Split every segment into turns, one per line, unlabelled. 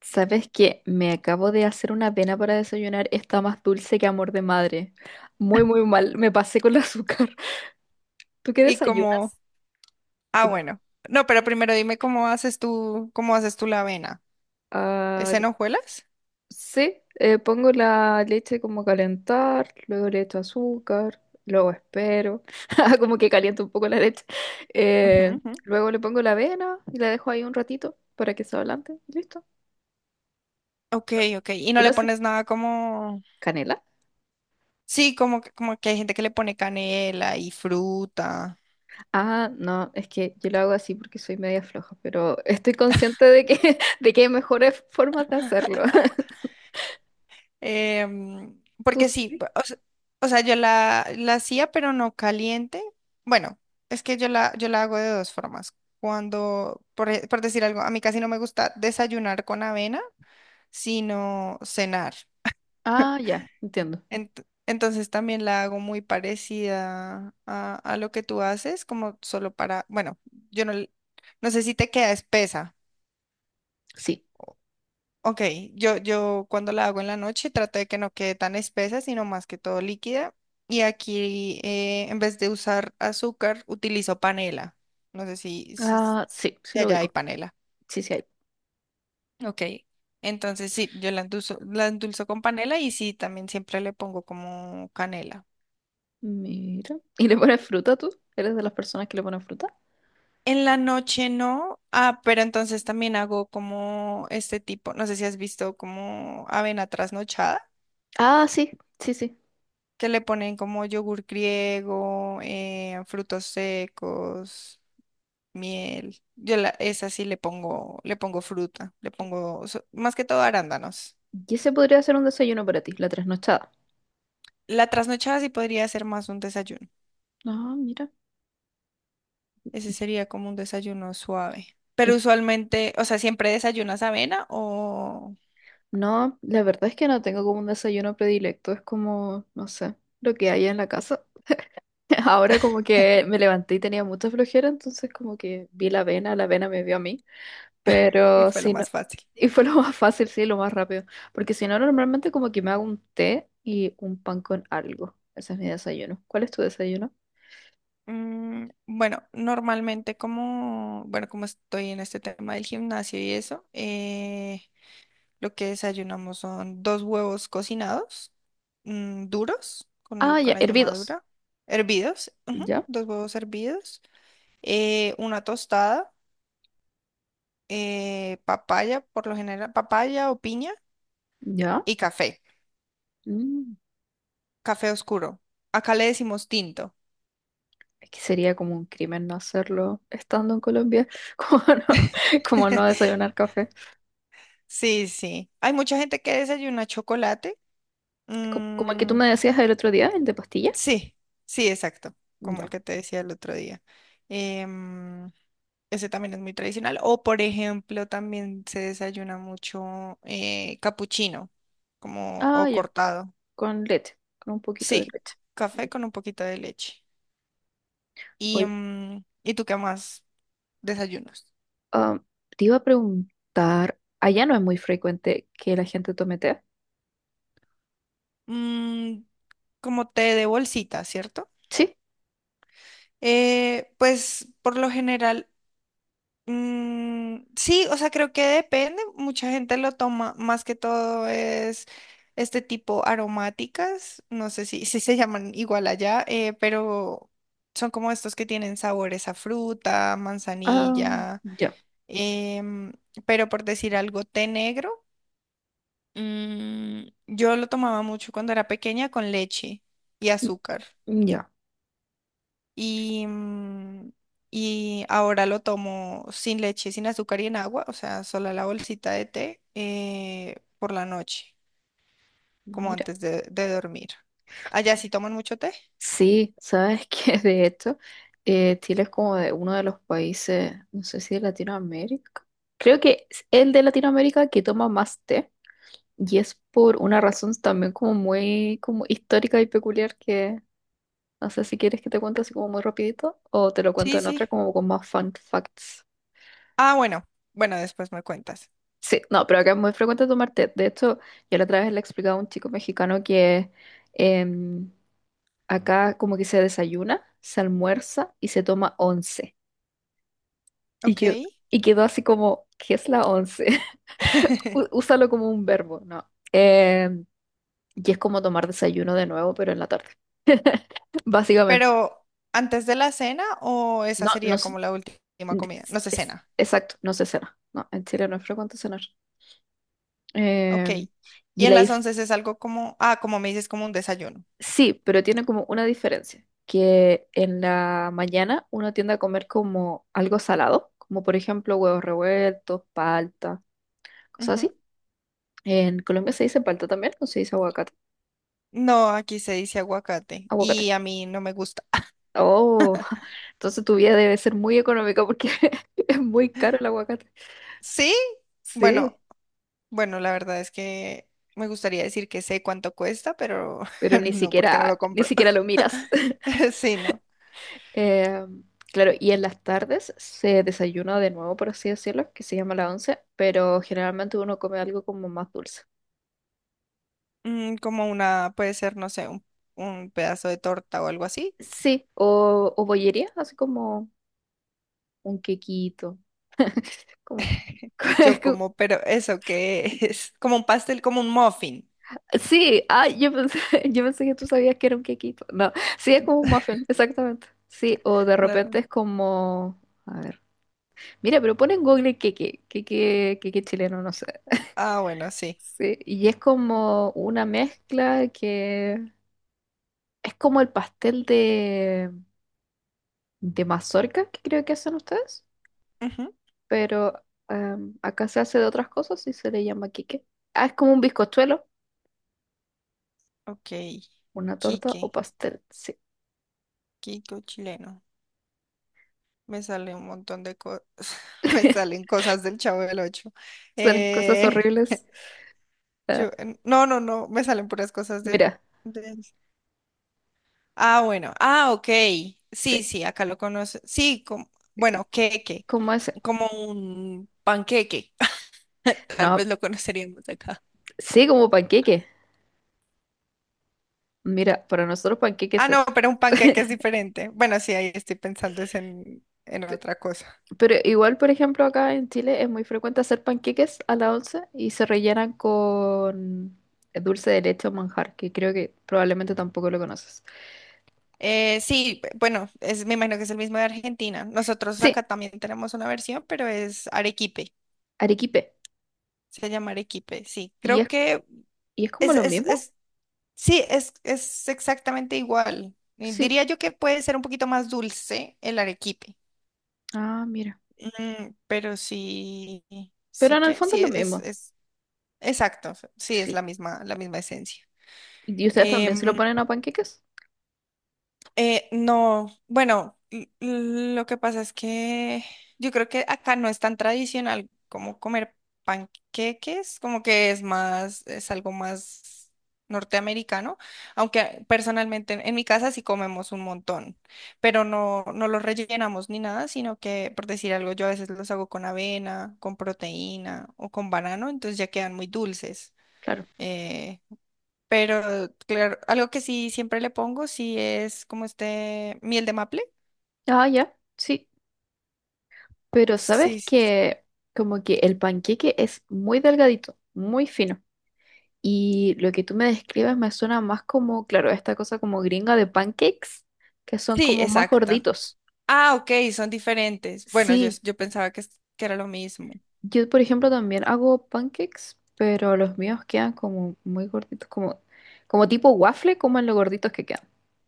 ¿Sabes qué? Me acabo de hacer una avena para desayunar. Está más dulce que amor de madre. Muy, muy mal. Me pasé con el azúcar. ¿Tú qué
Y
desayunas?
como, ah,
Como,
bueno. No, pero primero dime cómo haces tú, la avena. ¿Es
ah,
en hojuelas?
sí, pongo la leche como a calentar, luego le echo azúcar, luego espero. Como que caliento un poco la leche.
Ujú,
Eh,
ujú.
Luego le pongo la avena y la dejo ahí un ratito para que se ablande. Y listo.
Ok, ok. Y
¿Tú
no
lo
le
haces?
pones nada como,
¿Canela?
sí, como, como que hay gente que le pone canela y fruta.
Ah, no, es que yo lo hago así porque soy media floja, pero estoy consciente de que, de que hay mejores formas de hacerlo.
Em,
¿Tú
Porque sí,
sí?
o sea, yo la hacía, pero no caliente. Bueno, es que yo yo la hago de dos formas. Cuando, por decir algo, a mí casi no me gusta desayunar con avena, sino cenar.
Ah, ya, entiendo.
Entonces también la hago muy parecida a lo que tú haces, como solo para, bueno, yo no, l- no sé si te queda espesa.
Sí.
Ok, yo cuando la hago en la noche trato de que no quede tan espesa, sino más que todo líquida. Y aquí en vez de usar azúcar, utilizo panela. No sé si, si s-
Ah, sí, sí
de
lo
allá hay
ubico.
panela.
Sí, sí hay.
Ok, entonces sí, yo la endulzo con panela y sí, también siempre le pongo como canela.
Mira. ¿Y le pones fruta tú? ¿Eres de las personas que le ponen fruta?
En la noche no, ah, pero entonces también hago como este tipo, no sé si has visto como avena trasnochada,
Ah, sí, sí, sí.
que le ponen como yogur griego, frutos secos, miel. Esa sí le pongo fruta, más que todo arándanos.
Y ese podría ser un desayuno para ti, la trasnochada.
La trasnochada sí podría ser más un desayuno.
Ah, mira.
Ese sería como un desayuno suave.
Y-
Pero usualmente, o sea, ¿siempre desayunas avena o...?
No, la verdad es que no tengo como un desayuno predilecto, es como, no sé, lo que haya en la casa. Ahora como que me levanté y tenía mucha flojera, entonces como que vi la vena me vio a mí,
Y
pero
fue lo
si no,
más fácil.
y fue lo más fácil, sí, lo más rápido, porque si no, normalmente como que me hago un té y un pan con algo. Ese es mi desayuno. ¿Cuál es tu desayuno?
Bueno, normalmente como, bueno, como estoy en este tema del gimnasio y eso, lo que desayunamos son dos huevos cocinados, duros,
Ah,
con
ya,
la yema
hervidos.
dura, hervidos, ujú,
¿Ya?
dos huevos hervidos, una tostada, papaya, por lo general, papaya o piña
¿Ya?
y café,
Mm.
café oscuro. Acá le decimos tinto.
Es que sería como un crimen no hacerlo estando en Colombia, como no, como no desayunar café.
Sí, sí. Hay mucha gente que desayuna chocolate.
Como el que tú
Mm,
me decías el otro día, el de pastilla.
sí, sí, exacto, como el
Ya.
que te decía el otro día. Em, Ese también es muy tradicional. O, por ejemplo, también se desayuna mucho capuchino, como
Ah,
o
ya.
cortado.
Con leche, con un poquito de
Sí,
leche.
café con un poquito de leche.
Oye,
¿Y tú qué más desayunos?
Ah, te iba a preguntar, allá no es muy frecuente que la gente tome té.
Mm, como té de bolsita, ¿cierto?
Sí,
Pues por lo general mm, sí, o sea, creo que depende. Mucha gente lo toma más que todo es este tipo aromáticas. No sé si, si se llaman igual allá, pero son como estos que tienen sabores a fruta,
ah,
manzanilla.
ya,
em, pero por decir algo, té negro. Mm, yo lo tomaba mucho cuando era pequeña con leche y azúcar
mm, ya,
y, mm, y ahora lo tomo sin leche, sin azúcar y en agua, o sea, solo la bolsita de té por la noche, como
mira.
antes de dormir. ¿Allá sí toman mucho té?
Sí, sabes que de hecho, Chile es como de uno de los países, no sé si de Latinoamérica. Creo que es el de Latinoamérica que toma más té. Y es por una razón también como muy como histórica y peculiar que no sé si quieres que te cuente así como muy rapidito o te lo cuento
Sí,
en otra
sí.
como con más fun facts.
Ah, bueno, bueno, después me cuentas.
Sí, no, pero acá es muy frecuente tomar té. De hecho, yo la otra vez le explicaba a un chico mexicano que em, acá como que se desayuna, se almuerza y se toma once. Y,
Ok.
que, y quedó así como, ¿qué es la once? Úsalo como un verbo, ¿no? Y es como tomar desayuno de nuevo, pero en la tarde, básicamente.
Pero, ¿antes de la cena o esa
No, no,
sería como la última comida? No sé,
es,
cena.
exacto, no se cena. No, en Chile no es frecuente cenar.
Ok.
Em, y
Y en
la
las
dif-
once es algo como, ah, como me dices, como un desayuno.
sí, pero tiene como una diferencia, que en la mañana uno tiende a comer como algo salado, como por ejemplo huevos revueltos, palta, cosas así.
Ujú.
En Colombia se dice palta también, o se dice aguacate.
No, aquí se dice aguacate
Aguacate.
y a mí no me gusta.
Oh, entonces tu vida debe ser muy económica porque es muy caro el aguacate.
Sí,
Sí,
bueno, bueno, la verdad es que me gustaría decir que sé cuánto cuesta, pero
pero ni
no, porque no lo
siquiera, ni
compro.
siquiera lo miras.
Sí, no.
Eh, claro, y en las tardes se desayuna de nuevo, por así decirlo, que se llama la once, pero generalmente uno come algo como más dulce.
Mm, como una, puede ser, no sé, un pedazo de torta o algo así.
Sí, o bollería, así como un quequito. como-
Yo como, pero eso que es como un pastel, como un muffin.
Sí, ah, yo pensé, yo pensé que tú sabías que era un quequito. No, sí, es como un muffin, exactamente. Sí, o de
No,
repente
no.
es como... A ver. Mira, pero pon en Google queque, queque, queque chileno, no sé.
Ah, bueno, sí.
Sí, y es como una mezcla que es como el pastel de mazorca que creo que hacen ustedes,
Ujú.
pero acá se hace de otras cosas y se le llama quique. Ah, es como un bizcochuelo,
Ok.
una
Quique,
torta o pastel, sí.
Kiko chileno. Me sale un montón de cosas. Me salen cosas del Chavo del Ocho.
Son cosas
Eh,
horribles. Ah,
Yo, en- no, no, no, me salen puras cosas
mira,
de- ah, bueno, ah, ok. Sí,
sí,
sí, acá lo conoce. Sí, como, bueno, queque,
como ese.
como un panqueque. Tal
No,
vez lo conoceríamos acá.
sí, como panqueque. Mira, para nosotros panqueque
Ah,
es
no,
eso.
pero un panqueque es diferente. Bueno, sí, ahí estoy pensando es en otra cosa.
Pero igual, por ejemplo, acá en Chile es muy frecuente hacer panqueques a la once y se rellenan con dulce de leche o manjar, que creo que probablemente tampoco lo conoces.
Sí, bueno, es, me imagino que es el mismo de Argentina. Nosotros
Sí,
acá también tenemos una versión, pero es arequipe.
arequipe.
Se llama arequipe, sí.
¿Y
Creo
es,
que
y es como lo mismo?
es sí, es exactamente igual.
Sí.
Diría yo que puede ser un poquito más dulce el arequipe,
Ah, mira.
mm, pero sí,
Pero en el fondo es lo mismo.
es exacto, sí, es
Sí.
la misma esencia.
¿Y ustedes también se
Em,
lo ponen a panqueques?
No, bueno, lo que pasa es que yo creo que acá no es tan tradicional como comer panqueques, como que es más, es algo más norteamericano, aunque personalmente en mi casa sí comemos un montón, pero no, no los rellenamos ni nada, sino que, por decir algo, yo a veces los hago con avena, con proteína o con banano, entonces ya quedan muy dulces.
Claro.
Eh, pero, claro, algo que sí siempre le pongo, sí es como este miel de maple.
Ah, ya. Sí. Pero sabes
Sí, sí, sí.
que como que el panqueque es muy delgadito, muy fino. Y lo que tú me describes me suena más como, claro, esta cosa como gringa de pancakes, que son
Sí,
como más
exacto.
gorditos.
Ah, ok, son diferentes. Bueno,
Sí,
yo pensaba que, que era lo mismo.
yo por ejemplo también hago pancakes, pero los míos quedan como muy gorditos, como, como tipo waffle, como en lo gorditos que quedan.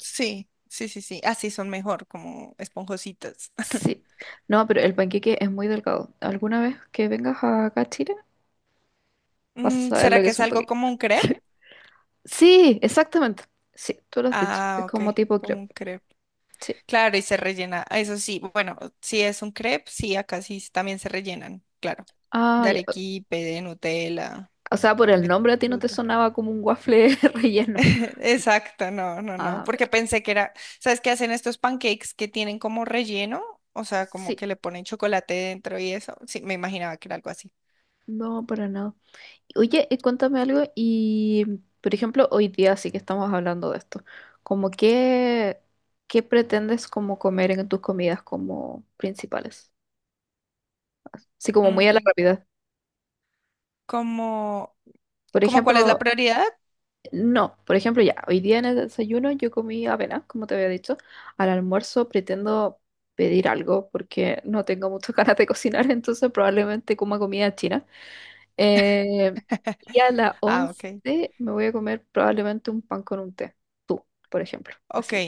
Sí, sí, sí, sí. Así son mejor, como esponjositas.
Sí, no, pero el panqueque es muy delgado. ¿Alguna vez que vengas acá a Chile vas a
Mm,
saber lo
¿será
que
que
es
es
un
algo
panqueque?
como un crepe?
Sí, exactamente. Sí, tú lo has dicho. Es
Ah, ok,
como tipo
como un
crepe.
crepe.
Sí.
Claro, y se rellena. Ah, eso sí, bueno, si es un crepe, sí, acá sí también se rellenan, claro.
Ah,
De
ya.
arequipe, de Nutella,
O sea, por el
de
nombre a ti no te
fruta.
sonaba como un waffle relleno.
Exacto, no, no, no,
A ver,
porque pensé que era, ¿sabes qué hacen estos pancakes que tienen como relleno? O sea, como
sí,
que le ponen chocolate dentro y eso. Sí, me imaginaba que era algo así.
no, para nada. Oye, cuéntame algo y, por ejemplo, hoy día sí que estamos hablando de esto. Como qué, ¿qué pretendes como comer en tus comidas como principales? Sí, como muy a la
Mm,
rápida.
como,
Por
¿como cuál es la
ejemplo,
prioridad?
no, por ejemplo, ya, hoy día en el desayuno yo comí avena, como te había dicho. Al almuerzo pretendo pedir algo porque no tengo muchas ganas de cocinar, entonces probablemente coma comida china. Eh, y a las
Ah,
once
ok.
me voy a comer probablemente un pan con un té. Tú, por ejemplo.
Ok,
Así.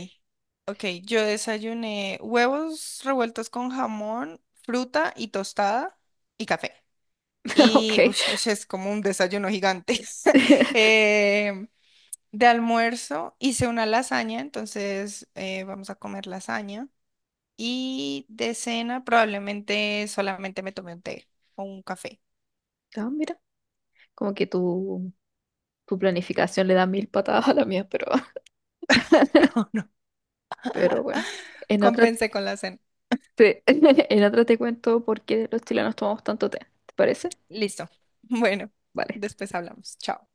ok. Yo desayuné huevos revueltos con jamón, fruta y tostada y café. Y
Ok.
ush, ese es como un desayuno gigante. Em, De almuerzo hice una lasaña, entonces vamos a comer lasaña. Y de cena probablemente solamente me tomé un té o un café.
Ah, mira, como que tu planificación le da mil patadas a la mía,
No, no,
pero bueno. En otra
compensé con la cena.
te, en otra te cuento por qué los chilenos tomamos tanto té. ¿Te parece?
Listo. Bueno,
Vale.
después hablamos. Chao.